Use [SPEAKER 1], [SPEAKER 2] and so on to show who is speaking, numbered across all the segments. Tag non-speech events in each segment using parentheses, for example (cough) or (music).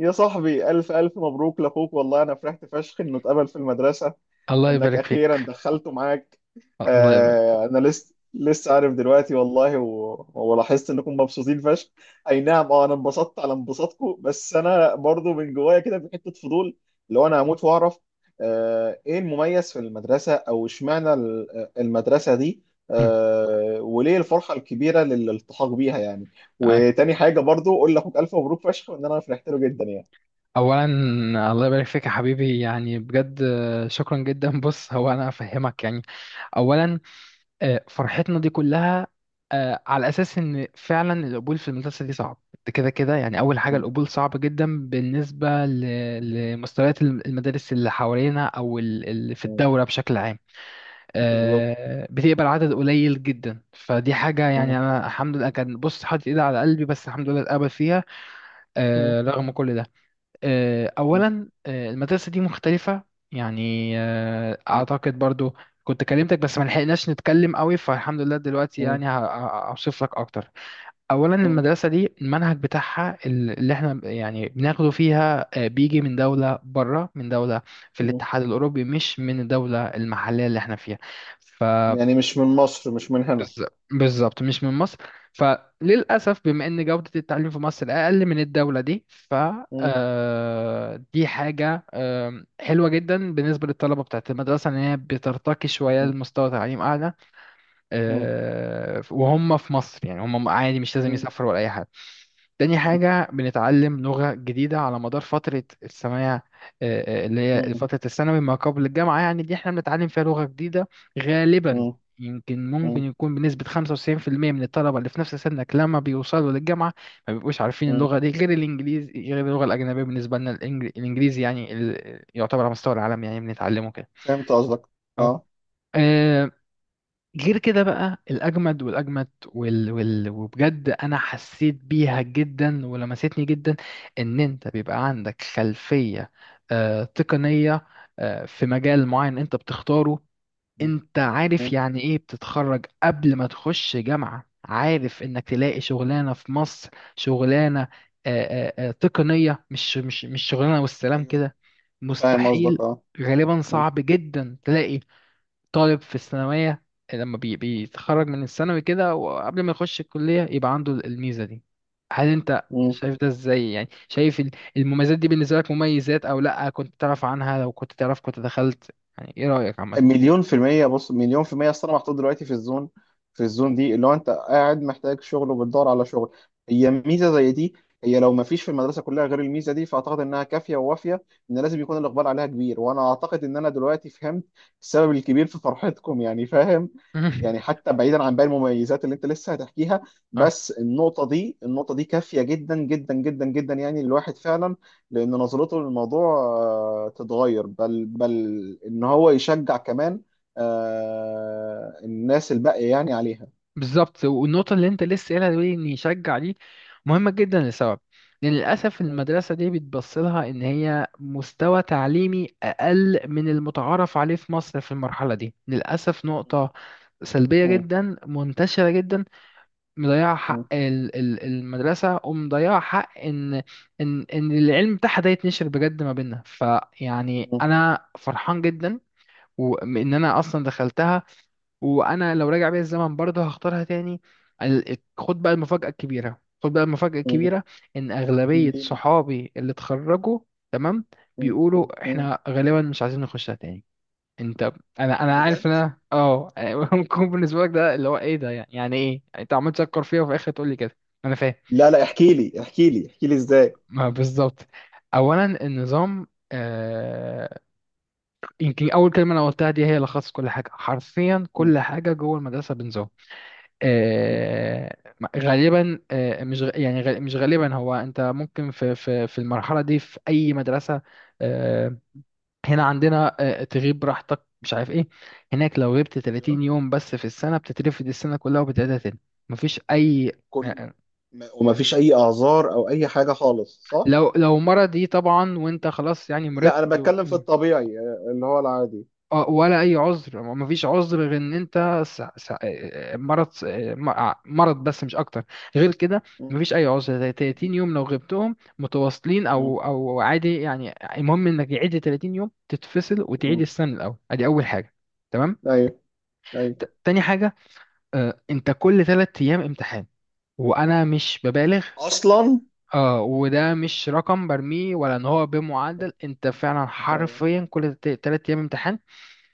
[SPEAKER 1] يا صاحبي ألف ألف مبروك لأخوك، والله أنا فرحت فشخ إنه اتقبل في المدرسة
[SPEAKER 2] الله
[SPEAKER 1] وإنك
[SPEAKER 2] يبارك
[SPEAKER 1] أخيرا
[SPEAKER 2] فيك.
[SPEAKER 1] دخلته معاك.
[SPEAKER 2] الله يبارك فيك.
[SPEAKER 1] أنا لسه عارف دلوقتي، والله ولاحظت إنكم مبسوطين فشخ. أي نعم، أنا انبسطت على انبساطكم، بس أنا برضو من جوايا كده في حتة فضول، لو أنا هموت وأعرف. إيه المميز في المدرسة؟ أو إشمعنى المدرسة دي؟
[SPEAKER 2] مم.
[SPEAKER 1] وليه الفرحة الكبيرة للالتحاق بيها يعني؟
[SPEAKER 2] أي.
[SPEAKER 1] وتاني حاجة برضو قول لأخوك ألف مبروك فشخ، وإن أنا فرحت له جدا يعني.
[SPEAKER 2] اولا الله يبارك فيك يا حبيبي، يعني بجد، شكرا جدا. (laughs) بص، هو انا افهمك يعني. اولا فرحتنا دي كلها على اساس ان فعلا القبول في المدرسه دي صعب. ده كده كده، يعني اول حاجه
[SPEAKER 1] مم.
[SPEAKER 2] القبول صعب جدا بالنسبه لمستويات المدارس اللي حوالينا او اللي في
[SPEAKER 1] مم.
[SPEAKER 2] الدوله بشكل عام.
[SPEAKER 1] بالظبط.
[SPEAKER 2] بتقبل عدد قليل جدا، فدي حاجه. يعني
[SPEAKER 1] مم.
[SPEAKER 2] انا الحمد لله كان بص حاطط ايدي على قلبي، بس الحمد لله اتقبل فيها.
[SPEAKER 1] مم.
[SPEAKER 2] رغم كل ده،
[SPEAKER 1] مم.
[SPEAKER 2] أولا المدرسة دي مختلفة. يعني
[SPEAKER 1] مم.
[SPEAKER 2] أعتقد برضو كنت كلمتك بس ما لحقناش نتكلم قوي، فالحمد لله دلوقتي
[SPEAKER 1] مم.
[SPEAKER 2] يعني هوصف لك أكتر. أولا
[SPEAKER 1] مم.
[SPEAKER 2] المدرسة دي المنهج بتاعها اللي احنا يعني بناخده فيها بيجي من دولة بره، من دولة في
[SPEAKER 1] مم.
[SPEAKER 2] الاتحاد الأوروبي، مش من الدولة المحلية اللي احنا فيها.
[SPEAKER 1] يعني مش من مصر، مش من هنا.
[SPEAKER 2] بالظبط بالظبط، مش من مصر. فللأسف بما إن جودة التعليم في مصر أقل من الدولة دي، ف
[SPEAKER 1] مم.
[SPEAKER 2] دي حاجة حلوة جدا بالنسبة للطلبة بتاعة المدرسة، إن هي بترتقي شوية
[SPEAKER 1] مم.
[SPEAKER 2] لمستوى تعليم أعلى.
[SPEAKER 1] مم.
[SPEAKER 2] وهم في مصر يعني هم عادي، مش لازم
[SPEAKER 1] مم.
[SPEAKER 2] يسافروا ولا أي حاجة. تاني حاجة بنتعلم لغة جديدة على مدار فترة الثانوية. اللي هي
[SPEAKER 1] مم.
[SPEAKER 2] فترة الثانوي ما قبل الجامعة، يعني دي احنا بنتعلم فيها لغة جديدة غالبا.
[SPEAKER 1] مم.
[SPEAKER 2] يمكن
[SPEAKER 1] مم.
[SPEAKER 2] ممكن يكون بنسبة 95% من الطلبة اللي في نفس سنك، لما بيوصلوا للجامعة ما بيبقوش عارفين
[SPEAKER 1] مم.
[SPEAKER 2] اللغة دي غير الإنجليزي، غير اللغة الأجنبية بالنسبة لنا. الإنجليزي يعني يعتبر على مستوى العالم، يعني بنتعلمه كده.
[SPEAKER 1] فهمت قصدك.
[SPEAKER 2] اه،
[SPEAKER 1] اه.
[SPEAKER 2] آه، غير كده بقى الأجمد والأجمد وبجد أنا حسيت بيها جدا ولمستني جدا، إن أنت بيبقى عندك خلفية تقنية في مجال معين أنت بتختاره.
[SPEAKER 1] مم.
[SPEAKER 2] أنت
[SPEAKER 1] مم.
[SPEAKER 2] عارف يعني إيه بتتخرج قبل ما تخش جامعة، عارف إنك تلاقي شغلانة في مصر. شغلانة تقنية، مش شغلانة والسلام
[SPEAKER 1] ايوه
[SPEAKER 2] كده،
[SPEAKER 1] فاهم قصدك.
[SPEAKER 2] مستحيل.
[SPEAKER 1] اه.
[SPEAKER 2] غالبا صعب جدا تلاقي طالب في الثانوية لما بيتخرج من الثانوي كده وقبل ما يخش الكلية يبقى عنده الميزة دي. هل انت
[SPEAKER 1] مم.
[SPEAKER 2] شايف ده ازاي؟ يعني شايف المميزات دي بالنسبة لك مميزات او لا؟ كنت تعرف عنها؟ لو كنت تعرف كنت دخلت؟ يعني ايه رأيك عامة؟
[SPEAKER 1] مليون في المية. بص، مليون في المية. أصل أنا محطوط دلوقتي في الزون، في الزون دي اللي هو أنت قاعد محتاج شغل وبتدور على شغل. هي ميزة زي دي، هي لو ما فيش في المدرسة كلها غير الميزة دي، فأعتقد إنها كافية ووافية، إن لازم يكون الإقبال عليها كبير. وأنا أعتقد إن أنا دلوقتي فهمت السبب الكبير في فرحتكم يعني، فاهم. يعني
[SPEAKER 2] (laughs)
[SPEAKER 1] حتى بعيدا عن باقي المميزات اللي أنت لسه هتحكيها، بس النقطة دي، النقطة دي كافية جدا جدا جدا جدا، يعني الواحد فعلا لان نظرته للموضوع تتغير، بل ان هو يشجع كمان الناس الباقيه يعني عليها.
[SPEAKER 2] بالظبط، والنقطة اللي أنت لسه قايلها دي إن يشجع دي مهمة جدا لسبب، لأن للأسف
[SPEAKER 1] مم.
[SPEAKER 2] المدرسة دي بتبص لها إن هي مستوى تعليمي أقل من المتعارف عليه في مصر في المرحلة دي. للأسف نقطة سلبية
[SPEAKER 1] مم.
[SPEAKER 2] جدا، منتشرة جدا، مضيعة
[SPEAKER 1] مم.
[SPEAKER 2] حق المدرسة ومضيعة حق إن إن العلم بتاعها ده يتنشر بجد ما بيننا. فيعني
[SPEAKER 1] مم.
[SPEAKER 2] أنا فرحان جدا، وإن أنا أصلا دخلتها. وانا لو راجع بيا الزمن برضه هختارها تاني. خد بقى المفاجأة الكبيرة، خد بقى المفاجأة
[SPEAKER 1] مم.
[SPEAKER 2] الكبيرة. ان اغلبية
[SPEAKER 1] اديني.
[SPEAKER 2] صحابي اللي اتخرجوا تمام
[SPEAKER 1] مم.
[SPEAKER 2] بيقولوا
[SPEAKER 1] مم.
[SPEAKER 2] احنا غالبا مش عايزين نخشها تاني. انت، انا عارف
[SPEAKER 1] بجد.
[SPEAKER 2] ان انا اه (laughs) ممكن بالنسبة لك ده اللي هو ايه ده، يعني، يعني ايه انت عمال تشكر فيها وفي الاخر تقول لي كده؟ انا فاهم.
[SPEAKER 1] لا لا، احكي لي احكي لي احكي لي ازاي.
[SPEAKER 2] ما بالظبط، اولا النظام. يمكن اول كلمة انا قلتها دي هي لخص كل حاجة حرفيا.
[SPEAKER 1] مم.
[SPEAKER 2] كل حاجة جوه المدرسة بنظام.
[SPEAKER 1] مم.
[SPEAKER 2] آه، غالبا مش غ- يعني مش غالبا. هو انت ممكن في المرحله دي في اي مدرسه، آه، هنا عندنا تغيب براحتك مش عارف ايه. هناك لو غبت
[SPEAKER 1] ايوه.
[SPEAKER 2] 30 يوم بس في السنه بتترفد السنه كلها وبتعيدها تاني. مفيش اي آه،
[SPEAKER 1] كل،
[SPEAKER 2] آه،
[SPEAKER 1] ما وما فيش اي اعذار او اي حاجه خالص، صح.
[SPEAKER 2] لو لو مرض، دي طبعا وانت خلاص يعني
[SPEAKER 1] لا، انا
[SPEAKER 2] مرضت.
[SPEAKER 1] بتكلم في الطبيعي، اللي هو العادي.
[SPEAKER 2] ولا اي عذر، ما فيش عذر غير ان انت مرض، مرض بس، مش اكتر. غير كده ما
[SPEAKER 1] مم.
[SPEAKER 2] فيش اي عذر زي 30 يوم، لو غبتهم متواصلين
[SPEAKER 1] مم.
[SPEAKER 2] او او عادي، يعني المهم انك يعيد 30 يوم تتفصل وتعيد
[SPEAKER 1] مم.
[SPEAKER 2] السنه من الاول. ادي اول حاجه تمام.
[SPEAKER 1] ايوه. ايوه
[SPEAKER 2] تاني حاجه انت كل 3 ايام امتحان، وانا مش ببالغ.
[SPEAKER 1] اصلا.
[SPEAKER 2] اه، وده مش رقم برميه ولا ان هو بمعدل، انت فعلا
[SPEAKER 1] ايوه.
[SPEAKER 2] حرفيا كل 3 ايام امتحان.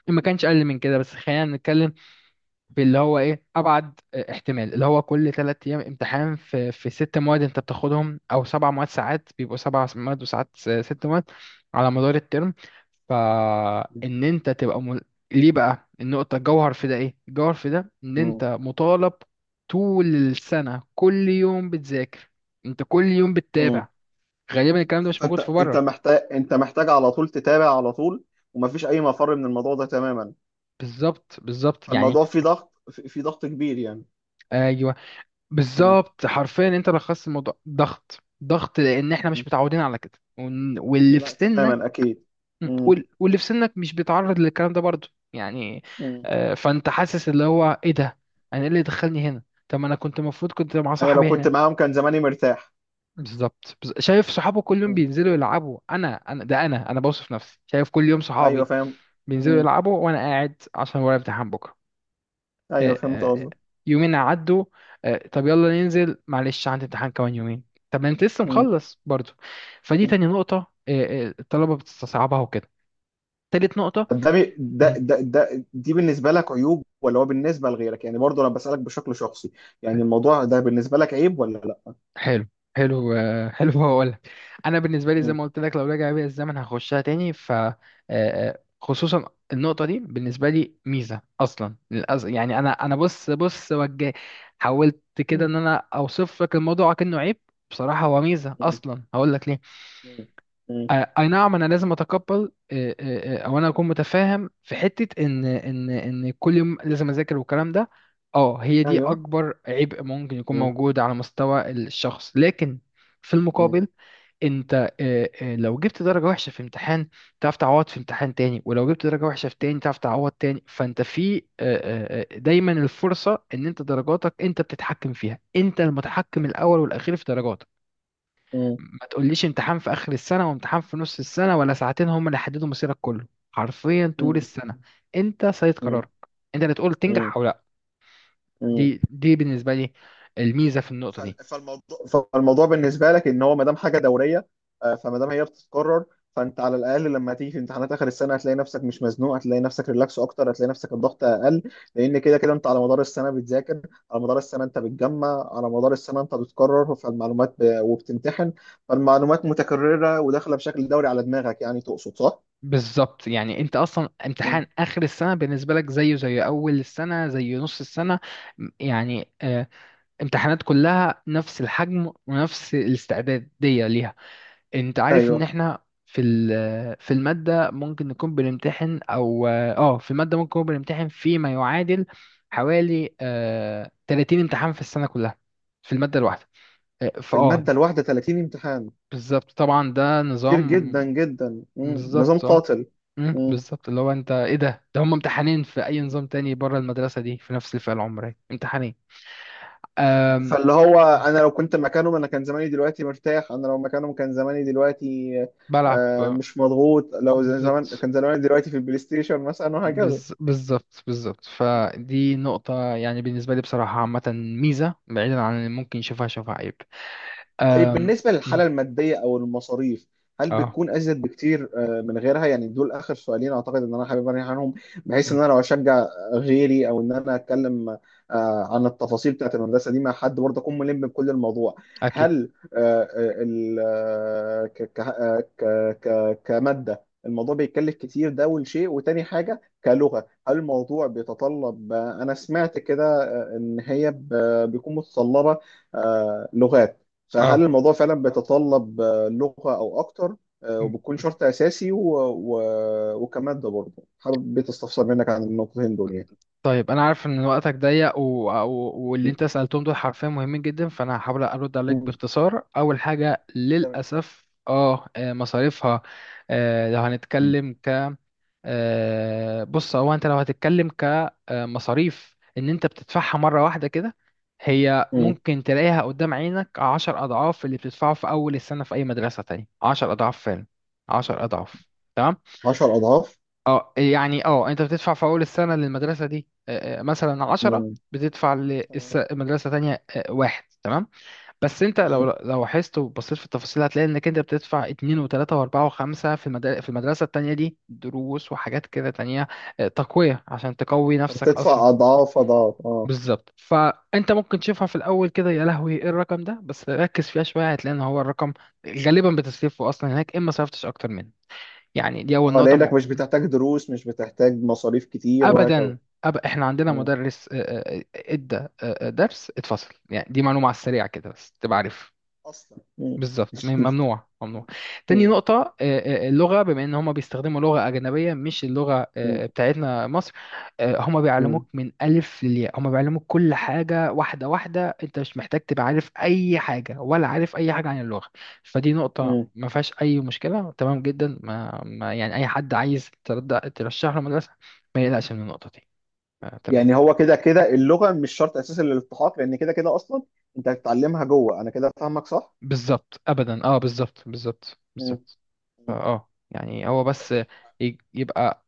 [SPEAKER 2] إن ما كانش اقل من كده. بس خلينا نتكلم في اللي هو ايه، ابعد احتمال اللي هو كل 3 ايام امتحان في في ست مواد انت بتاخدهم او 7 مواد. ساعات بيبقوا 7 مواد وساعات 6 مواد على مدار الترم، فان انت تبقى ليه بقى النقطة الجوهر في ده؟ ايه الجوهر في ده؟ ان انت مطالب طول السنة كل يوم بتذاكر، انت كل يوم
[SPEAKER 1] مم.
[SPEAKER 2] بتتابع. غالبا الكلام ده مش موجود
[SPEAKER 1] فانت،
[SPEAKER 2] في
[SPEAKER 1] انت
[SPEAKER 2] بره.
[SPEAKER 1] محتاج انت محتاج على طول تتابع على طول، ومفيش اي مفر من الموضوع ده تماما.
[SPEAKER 2] بالظبط بالظبط يعني،
[SPEAKER 1] فالموضوع فيه ضغط، في ضغط كبير يعني.
[SPEAKER 2] آه،
[SPEAKER 1] مم.
[SPEAKER 2] بالظبط حرفيا انت لخصت الموضوع، ضغط ضغط، لان احنا
[SPEAKER 1] مم.
[SPEAKER 2] مش متعودين على كده. واللي في
[SPEAKER 1] لا
[SPEAKER 2] سنك،
[SPEAKER 1] تماما، اكيد. مم.
[SPEAKER 2] واللي في سنك مش بيتعرض للكلام ده برضه يعني.
[SPEAKER 1] مم.
[SPEAKER 2] فانت حاسس اللي هو ايه ده، انا ايه اللي دخلني هنا؟ طب ما انا كنت المفروض كنت مع
[SPEAKER 1] انا لو
[SPEAKER 2] صاحبي
[SPEAKER 1] كنت
[SPEAKER 2] هناك.
[SPEAKER 1] معاهم كان زماني مرتاح.
[SPEAKER 2] بالظبط، شايف صحابه كل يوم
[SPEAKER 1] مم.
[SPEAKER 2] بينزلوا يلعبوا. انا انا ده، انا بوصف نفسي، شايف كل يوم
[SPEAKER 1] ايوه
[SPEAKER 2] صحابي
[SPEAKER 1] فاهم.
[SPEAKER 2] بينزلوا
[SPEAKER 1] مم.
[SPEAKER 2] يلعبوا وانا قاعد عشان ورايا امتحان بكره.
[SPEAKER 1] ايوه
[SPEAKER 2] آه،
[SPEAKER 1] فهمت
[SPEAKER 2] آه،
[SPEAKER 1] قصدك.
[SPEAKER 2] يومين عدوا، طب يلا ننزل. معلش عندي امتحان كمان يومين، طب ما انت لسه
[SPEAKER 1] مم.
[SPEAKER 2] مخلص برضو. فدي
[SPEAKER 1] مم.
[SPEAKER 2] تاني نقطة، الطلبة بتستصعبها وكده. تالت نقطة.
[SPEAKER 1] طب ده, بي- ده
[SPEAKER 2] مم،
[SPEAKER 1] ده ده دي بالنسبه لك عيوب؟ ولا هو بالنسبه لغيرك يعني؟ برضه انا بسالك بشكل شخصي، يعني الموضوع ده بالنسبه لك عيب ولا لا؟
[SPEAKER 2] حلو، حلو، (laughs) حلو هقول لك. انا بالنسبة لي زي
[SPEAKER 1] مم.
[SPEAKER 2] ما قلت لك، لو رجع بيا الزمن هخشها تاني. ف خصوصا النقطة دي بالنسبة لي ميزة أصلا. يعني أنا، بص، بص، وجه حاولت كده
[SPEAKER 1] مم.
[SPEAKER 2] إن أنا أوصف لك الموضوع كأنه عيب، بصراحة هو ميزة أصلا. هقول لك ليه.
[SPEAKER 1] مم. مم.
[SPEAKER 2] اي نعم انا لازم اتقبل، او انا اكون متفاهم في حته ان كل يوم لازم اذاكر والكلام ده. اه، هي دي
[SPEAKER 1] ايوه.
[SPEAKER 2] اكبر عبء ممكن يكون موجود على مستوى الشخص. لكن في
[SPEAKER 1] مم.
[SPEAKER 2] المقابل، انت لو جبت درجه وحشه في امتحان تعرف تعوض في امتحان تاني. ولو جبت درجه وحشه في تاني تعرف تعوض تاني. فانت في دايما الفرصه، ان انت درجاتك انت بتتحكم فيها، انت المتحكم الاول والاخير في درجاتك.
[SPEAKER 1] مم.
[SPEAKER 2] ما تقوليش امتحان في اخر السنه وامتحان في نص السنه ولا ساعتين هم اللي هيحددوا مصيرك كله. حرفيا طول
[SPEAKER 1] مم.
[SPEAKER 2] السنه انت سيد
[SPEAKER 1] مم.
[SPEAKER 2] قرارك، انت اللي تقول
[SPEAKER 1] مم.
[SPEAKER 2] تنجح او لا.
[SPEAKER 1] مم.
[SPEAKER 2] دي بالنسبه لي الميزه في النقطه دي.
[SPEAKER 1] فالموضوع، فالموضوع بالنسبه لك ان هو ما دام حاجه دوريه، فما دام هي بتتكرر، فانت على الاقل لما تيجي في امتحانات اخر السنه هتلاقي نفسك مش مزنوق، هتلاقي نفسك ريلاكس اكتر، هتلاقي نفسك الضغط اقل، لان كده كده انت على مدار السنه بتذاكر، على مدار السنه انت بتجمع، على مدار السنه انت بتكرر، وبتمتحن. فالمعلومات متكرره وداخله بشكل دوري على دماغك، يعني تقصد صح؟
[SPEAKER 2] بالظبط، يعني انت اصلا
[SPEAKER 1] مم.
[SPEAKER 2] امتحان اخر السنه بالنسبه لك زيه زي اول السنه زي نص السنه. يعني امتحانات كلها نفس الحجم ونفس الاستعداديه ليها. انت عارف ان
[SPEAKER 1] ايوه.
[SPEAKER 2] احنا في في المادة ممكن نكون بنمتحن او اه في المادة ممكن نكون بنمتحن فيما يعادل حوالي 30 امتحان في السنة كلها في المادة الواحدة. آه،
[SPEAKER 1] في
[SPEAKER 2] فاه
[SPEAKER 1] الماده الواحده 30 امتحان.
[SPEAKER 2] بالظبط طبعا، ده
[SPEAKER 1] كتير جدا
[SPEAKER 2] نظام.
[SPEAKER 1] جدا. مم. نظام
[SPEAKER 2] بالظبط اه،
[SPEAKER 1] قاتل. مم.
[SPEAKER 2] بالظبط اللي هو انت، ايه ده؟ ده هم امتحانين في اي نظام تاني بره المدرسة دي في نفس الفئة العمرية، امتحانين. أم...
[SPEAKER 1] فاللي هو انا لو كنت مكانهم انا كان زماني دلوقتي مرتاح، انا لو مكانهم كان زماني دلوقتي
[SPEAKER 2] بلعب
[SPEAKER 1] مش مضغوط. لو زمان
[SPEAKER 2] بالظبط،
[SPEAKER 1] كان زماني دلوقتي في البلاي ستيشن مثلا، وهكذا.
[SPEAKER 2] بالظبط بالظبط. فدي نقطة، يعني بالنسبة لي بصراحة عامة ميزة، بعيدا عن اللي ممكن يشوفها شوفها عيب.
[SPEAKER 1] طيب
[SPEAKER 2] أم...
[SPEAKER 1] بالنسبة
[SPEAKER 2] أم،
[SPEAKER 1] للحالة المادية أو المصاريف، هل
[SPEAKER 2] اه،
[SPEAKER 1] بتكون أزيد بكتير من غيرها؟ يعني دول آخر سؤالين أعتقد إن أنا حابب أرجع عنهم، بحيث
[SPEAKER 2] أم،
[SPEAKER 1] إن أنا لو أشجع غيري، أو إن أنا أتكلم عن التفاصيل بتاعت المدرسة دي مع حد برضه أكون ملم بكل الموضوع.
[SPEAKER 2] أكيد.
[SPEAKER 1] هل آه، آه، ال- آه، ك- ك- آه، ك- ك- كمادة الموضوع بيتكلف كتير؟ ده أول شيء. وتاني حاجة، كلغة، هل الموضوع بيتطلب أنا سمعت كده إن هي بيكون متطلبة لغات؟ فهل
[SPEAKER 2] اه،
[SPEAKER 1] الموضوع فعلا بيتطلب لغة أو أكتر
[SPEAKER 2] أم.
[SPEAKER 1] وبتكون شرط أساسي وكمادة برضه حابب تستفسر منك عن النقطتين دول يعني.
[SPEAKER 2] طيب، أنا عارف إن وقتك ضيق، واللي أنت سألتهم دول حرفيا مهمين جدا، فأنا هحاول أرد عليك
[SPEAKER 1] م.
[SPEAKER 2] باختصار. أول حاجة
[SPEAKER 1] تمام.
[SPEAKER 2] للأسف اه، مصاريفها. لو هنتكلم بص، هو انت لو هتتكلم كمصاريف ان انت بتدفعها مره واحده كده، هي
[SPEAKER 1] م.
[SPEAKER 2] ممكن تلاقيها قدام عينك 10 اضعاف اللي بتدفعه في اول السنه في اي مدرسه تانية. 10 اضعاف فعلا، 10 اضعاف. تمام.
[SPEAKER 1] 10 أضعاف.
[SPEAKER 2] اه يعني اه، انت بتدفع في اول السنه للمدرسه دي مثلا عشرة،
[SPEAKER 1] م.
[SPEAKER 2] بتدفع
[SPEAKER 1] تمام.
[SPEAKER 2] لمدرسه تانية واحد. تمام. بس انت لو
[SPEAKER 1] أيوه،
[SPEAKER 2] لاحظت وبصيت في التفاصيل هتلاقي انك انت بتدفع اتنين وتلاتة واربعة وخمسة في المدارس، في المدرسة التانية دي دروس وحاجات كده تانية. اه، تقوية عشان تقوي نفسك اصلا.
[SPEAKER 1] فبتدفع أضعاف أضعاف. أه.
[SPEAKER 2] بالظبط، فانت ممكن تشوفها في الاول كده، يا لهوي ايه الرقم ده؟ بس ركز فيها شوية هتلاقي ان هو الرقم غالبا بتصرفه اصلا هناك، اما صرفتش اكتر منه. يعني دي اول
[SPEAKER 1] أه،
[SPEAKER 2] نقطة.
[SPEAKER 1] لأنك مش بتحتاج دروس، مش بتحتاج مصاريف كتير، وهكذا.
[SPEAKER 2] ابدا. احنا عندنا
[SPEAKER 1] م.
[SPEAKER 2] مدرس ادى درس اتفصل. يعني دي معلومة على السريع كده بس تبقى عارف.
[SPEAKER 1] أصلا. م.
[SPEAKER 2] بالظبط، ممنوع ممنوع. تاني
[SPEAKER 1] م.
[SPEAKER 2] نقطة، اللغة، بما ان هما بيستخدموا لغة أجنبية مش اللغة
[SPEAKER 1] م.
[SPEAKER 2] بتاعتنا مصر. هما
[SPEAKER 1] م.
[SPEAKER 2] بيعلموك من ألف للياء، هما بيعلموك كل حاجة واحدة واحدة. انت مش محتاج تبقى عارف أي حاجة، ولا عارف أي حاجة عن اللغة. فدي نقطة
[SPEAKER 1] م. (laughs)
[SPEAKER 2] ما فيهاش أي مشكلة تمام جدا. ما يعني أي حد عايز ترشح له مدرسة ما يقلقش من النقطة دي. تمام.
[SPEAKER 1] يعني هو كده كده اللغه مش شرط اساسي للالتحاق، لان كده كده اصلا انت هتتعلمها جوه. انا كده فاهمك، صح؟
[SPEAKER 2] بالظبط، ابدا، اه بالظبط بالظبط
[SPEAKER 1] مم.
[SPEAKER 2] بالظبط. فا
[SPEAKER 1] مم.
[SPEAKER 2] اه يعني، هو بس يبقى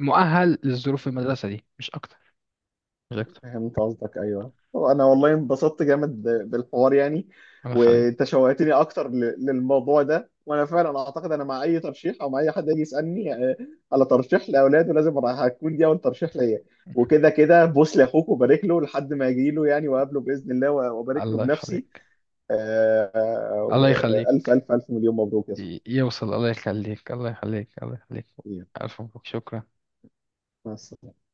[SPEAKER 2] مؤهل للظروف المدرسة دي، مش اكتر. مش اكتر.
[SPEAKER 1] فهمت قصدك. ايوه، طب انا والله انبسطت جامد بالحوار يعني.
[SPEAKER 2] الله يخليك.
[SPEAKER 1] وانت شوقتني اكتر للموضوع ده. وانا فعلا اعتقد انا مع اي ترشيح، او مع اي حد يجي يسالني على ترشيح لاولاده، لازم راح هتكون دي اول ترشيح ليا. وكده كده بوس لاخوك وبارك له لحد ما يجي له يعني، وقابله باذن الله وبارك له
[SPEAKER 2] الله
[SPEAKER 1] بنفسي.
[SPEAKER 2] يخليك. الله يخليك.
[SPEAKER 1] والف الف الف مليون مبروك يا صاحبي.
[SPEAKER 2] يوصل. الله يخليك. الله يخليك. الله يخليك. الف مبروك، شكرا.
[SPEAKER 1] مع السلامة.